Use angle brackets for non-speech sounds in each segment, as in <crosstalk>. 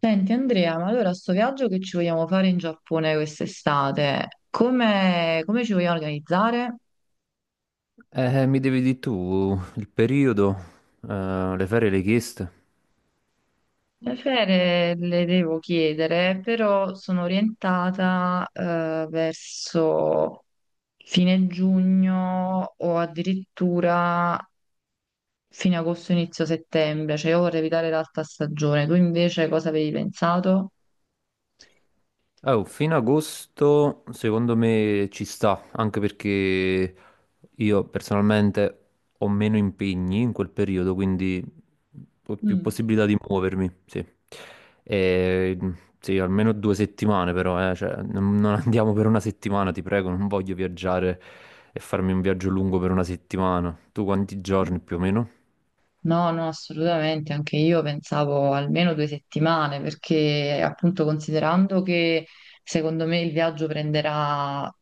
Senti Andrea, ma allora sto viaggio che ci vogliamo fare in Giappone quest'estate, come ci vogliamo organizzare? Mi devi dire tu il periodo, le ferie le hai chieste? Le ferie le devo chiedere, però sono orientata verso fine giugno o addirittura fine agosto, inizio settembre, cioè io vorrei evitare l'alta stagione. Tu invece cosa avevi pensato? Oh, fino ad agosto secondo me ci sta, anche perché io personalmente ho meno impegni in quel periodo, quindi ho più Mm. possibilità di muovermi, sì. E, sì, almeno 2 settimane però, cioè, non andiamo per una settimana, ti prego, non voglio viaggiare e farmi un viaggio lungo per una settimana. Tu quanti giorni più o meno? No, no, assolutamente, anche io pensavo almeno due settimane, perché appunto considerando che secondo me il viaggio prenderà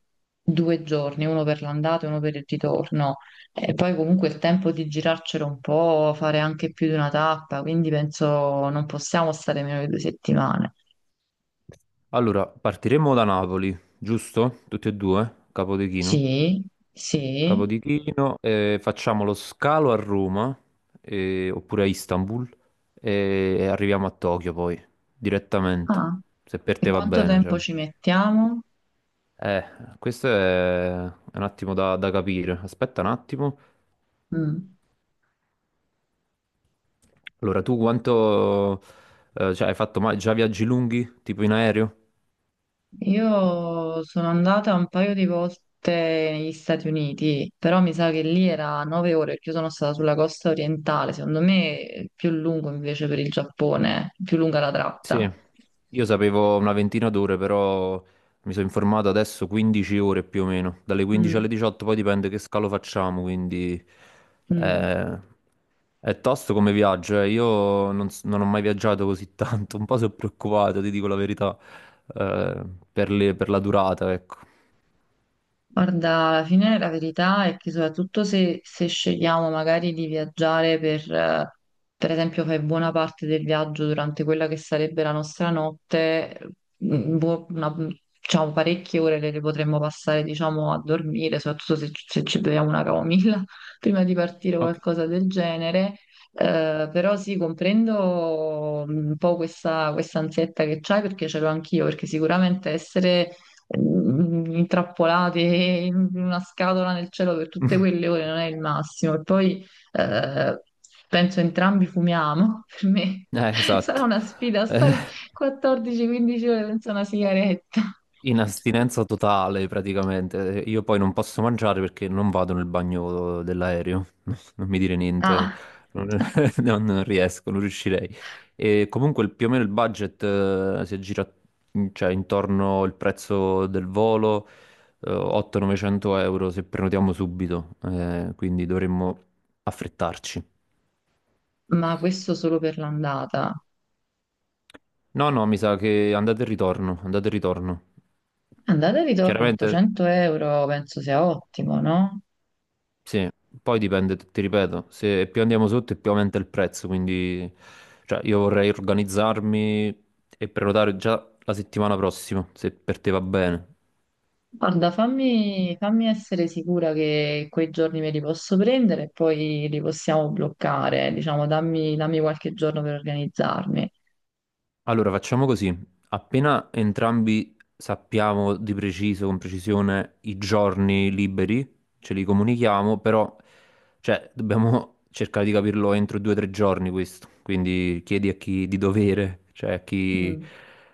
due giorni, uno per l'andata e uno per il ritorno, e poi comunque il tempo di girarcelo un po', fare anche più di una tappa, quindi penso non possiamo stare meno di due settimane. Allora, partiremo da Napoli, giusto? Tutti e due, Capodichino. Sì, sì. Capodichino, facciamo lo scalo a Roma, oppure a Istanbul, e arriviamo a Tokyo poi, direttamente, Ah, se per e te va quanto bene. Cioè. tempo ci mettiamo? Eh, Questo è un attimo da capire. Aspetta un attimo. Mm. Allora, cioè, hai fatto mai già viaggi lunghi, tipo in aereo? Io sono andata un paio di volte negli Stati Uniti, però mi sa che lì era 9 ore, perché io sono stata sulla costa orientale, secondo me è più lungo invece per il Giappone, più lunga la Sì, tratta. io sapevo una ventina d'ore, però mi sono informato adesso 15 ore più o meno, dalle 15 alle Mm, 18, poi dipende che scalo facciamo, quindi mm. eh, è tosto come viaggio, eh. Io non ho mai viaggiato così <laughs> tanto, un po' sono preoccupato, ti dico la verità, eh, per la durata, ecco. Guarda, alla fine la verità è che soprattutto se scegliamo magari di viaggiare per per esempio, fare buona parte del viaggio durante quella che sarebbe la nostra notte, boh, una- diciamo parecchie ore le potremmo passare, diciamo, a dormire, soprattutto se ci beviamo una camomilla <laughs> prima di partire o Ok. qualcosa del genere. Però sì, comprendo un po' questa ansietta che c'hai perché ce l'ho anch'io, perché sicuramente essere intrappolati in una scatola nel cielo per tutte quelle ore non è il massimo. E poi eh, penso entrambi fumiamo, <laughs> per me sarà Esatto. una sfida Eh, stare 14-15 ore senza una sigaretta. In astinenza totale praticamente. Io poi non posso mangiare perché non vado nel bagno dell'aereo. <laughs> Non mi dire niente, Ah, non, <laughs> non riesco, non riuscirei. E comunque più o meno il budget si aggira cioè, intorno il prezzo del volo, 800-900 euro se prenotiamo subito, quindi dovremmo affrettarci. ma questo solo per l'andata. No, no, mi sa che andate e ritorno, andate e ritorno. Andata e ritorno Chiaramente. 800 euro penso sia ottimo, no? Sì, poi dipende, ti ripeto, se più andiamo sotto e più aumenta il prezzo, quindi cioè, io vorrei organizzarmi e prenotare già la settimana prossima, se per te va bene. Guarda, fammi, fammi essere sicura che quei giorni me li posso prendere e poi li possiamo bloccare, diciamo, dammi, dammi qualche giorno per organizzarmi. Allora, facciamo così. Appena entrambi sappiamo di preciso, con precisione, i giorni liberi, ce li comunichiamo, però, cioè, dobbiamo cercare di capirlo entro 2 o 3 giorni questo. Quindi chiedi a chi di dovere, cioè a chi, Mm.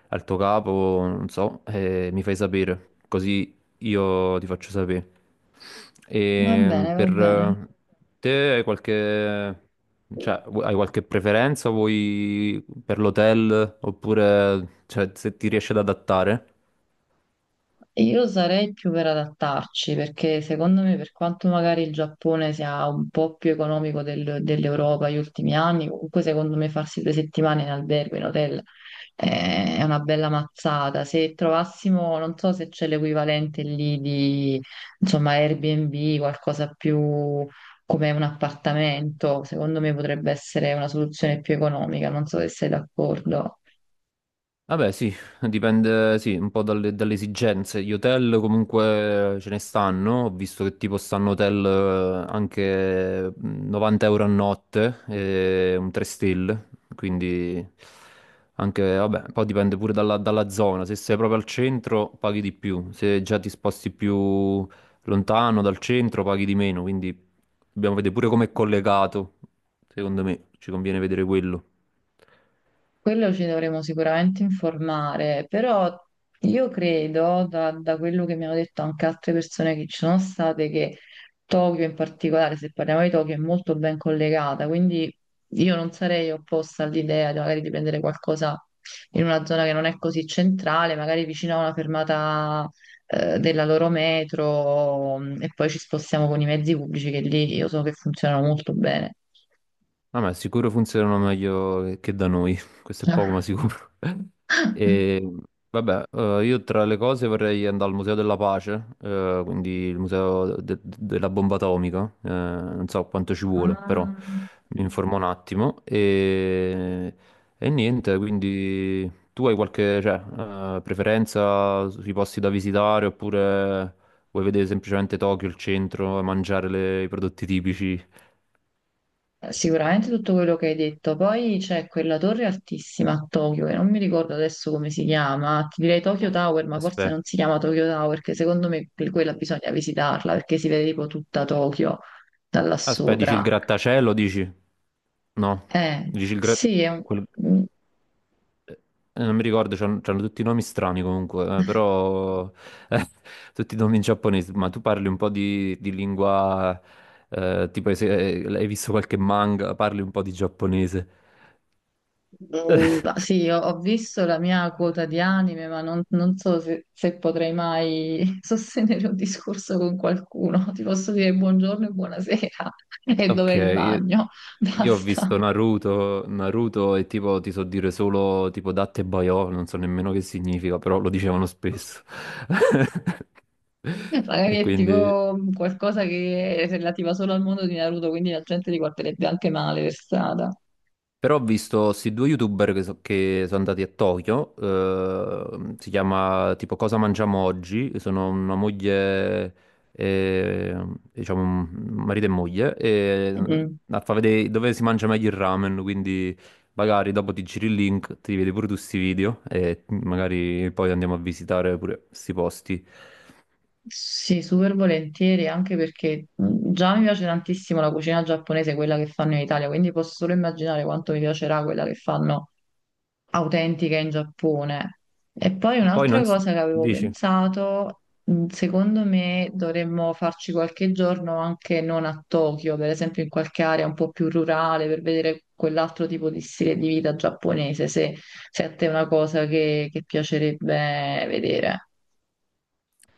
al tuo capo, non so, e mi fai sapere. Così io ti faccio sapere. Va E bene, va per bene. Te hai qualche, cioè, hai qualche preferenza? Vuoi per l'hotel oppure cioè, se ti riesci ad adattare? E io sarei più per adattarci perché secondo me, per quanto magari il Giappone sia un po' più economico del- dell'Europa negli ultimi anni, comunque secondo me farsi due settimane in albergo, in hotel, è una bella mazzata. Se trovassimo, non so se c'è l'equivalente lì di, insomma, Airbnb, qualcosa più come un appartamento, secondo me potrebbe essere una soluzione più economica, non so se sei d'accordo. Vabbè, sì, dipende, sì, un po' dalle esigenze. Gli hotel comunque ce ne stanno, ho visto che tipo stanno hotel anche 90 euro a notte, e un 3 stelle, quindi anche, vabbè, poi dipende pure dalla zona, se sei proprio al centro paghi di più, se già ti sposti più lontano dal centro paghi di meno, quindi dobbiamo vedere pure come è collegato, secondo me ci conviene vedere quello. Quello ci dovremo sicuramente informare, però io credo, da quello che mi hanno detto anche altre persone che ci sono state, che Tokyo in particolare, se parliamo di Tokyo, è molto ben collegata, quindi io non sarei opposta all'idea di magari di prendere qualcosa in una zona che non è così centrale, magari vicino a una fermata della loro metro, e poi ci spostiamo con i mezzi pubblici che lì io so che funzionano molto bene. Ah, ma sicuro funzionano meglio che da noi, <laughs> questo è poco ma sicuro. <laughs> E <laughs> vabbè, io tra le cose vorrei andare al Museo della Pace, quindi il Museo della Bomba Atomica, non so quanto ci vuole, però Ah. mi informo un attimo. E niente, quindi tu hai qualche, cioè, preferenza sui posti da visitare oppure vuoi vedere semplicemente Tokyo, il centro, mangiare i prodotti tipici? Sicuramente tutto quello che hai detto. Poi c'è quella torre altissima a Tokyo, che non mi ricordo adesso come si chiama, ti direi Tokyo Tower, ma forse Aspetta. non si chiama Tokyo Tower, perché secondo me que- quella bisogna visitarla, perché si vede tipo tutta Tokyo da là Aspetta, dici il sopra. grattacielo, dici? No, dici il gra... Sì, è un- quel- eh, non mi ricordo, c'hanno tutti i nomi strani comunque, però <laughs> eh, tutti i nomi in giapponese, ma tu parli un po' di lingua, tipo se hai visto qualche manga, parli un po' di giapponese. Mm, <laughs> sì, ho visto la mia quota di anime, ma non so se, se potrei mai <laughs> sostenere un discorso con qualcuno. Ti posso dire buongiorno e buonasera <laughs> e dov'è Ok, il io bagno? io ho visto Basta. Naruto, Naruto e tipo ti so dire solo tipo Datte Baio, non so nemmeno che significa, però lo dicevano Eh, spesso. <laughs> E Magari è quindi tipo qualcosa che è relativa solo al mondo di Naruto, quindi la gente li guarderebbe anche male per strada. Però ho visto questi due youtuber che sono andati a Tokyo, si chiama tipo Cosa mangiamo oggi, sono una moglie, eh, diciamo un marito e moglie, e ehm, Mm. a fa vedere dove si mangia meglio il ramen, quindi magari dopo ti giri il link, ti vedi pure tu questi video e magari poi andiamo a visitare pure questi posti. Sì, super volentieri, anche perché già mi piace tantissimo la cucina giapponese, quella che fanno in Italia, quindi posso solo immaginare quanto mi piacerà quella che fanno autentica in Giappone. E poi Poi un'altra non s- cosa che avevo dici? pensato, secondo me dovremmo farci qualche giorno anche non a Tokyo, per esempio in qualche area un po' più rurale, per vedere quell'altro tipo di stile di vita giapponese, se a te è una cosa che piacerebbe vedere.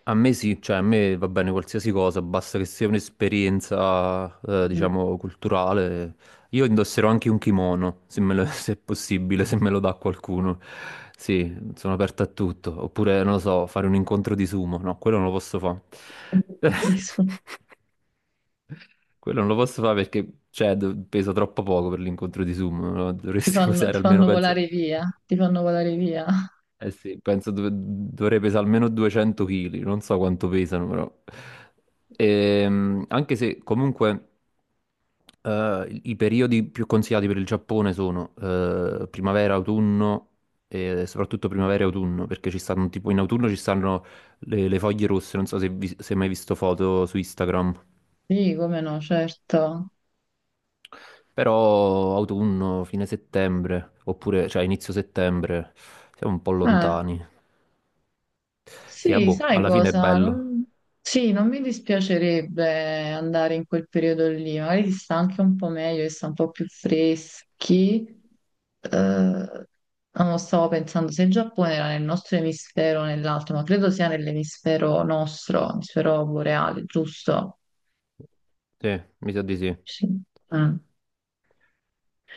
A me sì, cioè a me va bene qualsiasi cosa, basta che sia un'esperienza, Mm. diciamo, culturale. Io indosserò anche un kimono, se me lo- <laughs> se è possibile, se me lo dà qualcuno. Sì, sono aperto a tutto. Oppure, non lo so, fare un incontro di sumo. No, quello non lo posso fare. <laughs> <laughs> Quello non lo posso fare perché, cioè, pesa troppo poco per l'incontro di sumo, no? Dovresti <laughs> ti pesare almeno, fanno penso, volare via, ti fanno volare via. eh sì, penso dovrei pesare almeno 200 kg, non so quanto pesano però. Anche se comunque i periodi più consigliati per il Giappone sono primavera, autunno e soprattutto primavera e autunno, perché ci stanno tipo in autunno ci stanno le foglie rosse, non so se hai mai visto foto su Instagram, Sì, come no, certo. però autunno, fine settembre, oppure cioè inizio settembre, siamo un po' Eh, lontani. Sì, ah, sì, boh, sai alla fine è cosa? bello. Non- Sì, non mi dispiacerebbe andare in quel periodo lì, magari si sta anche un po' meglio, si sta un po' più freschi. Non lo stavo pensando se il Giappone era nel nostro emisfero o nell'altro, ma credo sia nell'emisfero nostro, emisfero boreale, giusto? Sì, mi sa di sì. Sì. Mm.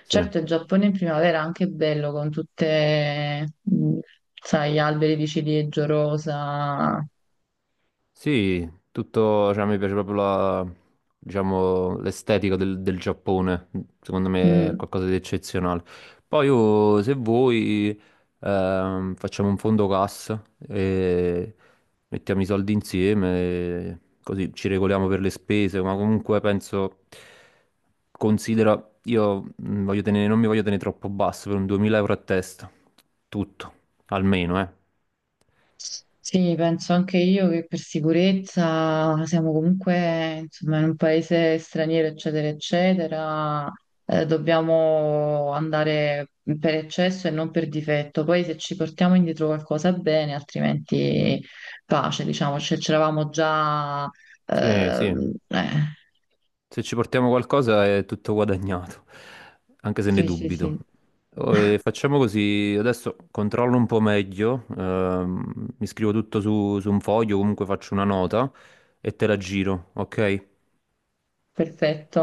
Sì, Certo, il Giappone in primavera è anche bello con tutte, sai, alberi di ciliegio rosa. sì, tutto, cioè, mi piace proprio diciamo, l'estetica del Giappone, secondo me è Mm. qualcosa di eccezionale. Poi io, se vuoi, facciamo un fondo cassa e mettiamo i soldi insieme, e così ci regoliamo per le spese, ma comunque penso, considera, io non mi voglio tenere troppo basso, per un 2.000 euro a testa, tutto, almeno, eh. Sì, penso anche io che per sicurezza siamo comunque, insomma, in un paese straniero, eccetera, eccetera. Dobbiamo andare per eccesso e non per difetto. Poi se ci portiamo indietro qualcosa bene, altrimenti pace, diciamo, c'eravamo già... Sì, eh, sì, eh. se ci portiamo qualcosa è tutto guadagnato, anche se ne Sì, sì, dubito. sì, Oh, e <laughs> facciamo così, adesso controllo un po' meglio, mi scrivo tutto su un foglio, comunque faccio una nota e te la giro, ok? perfetto.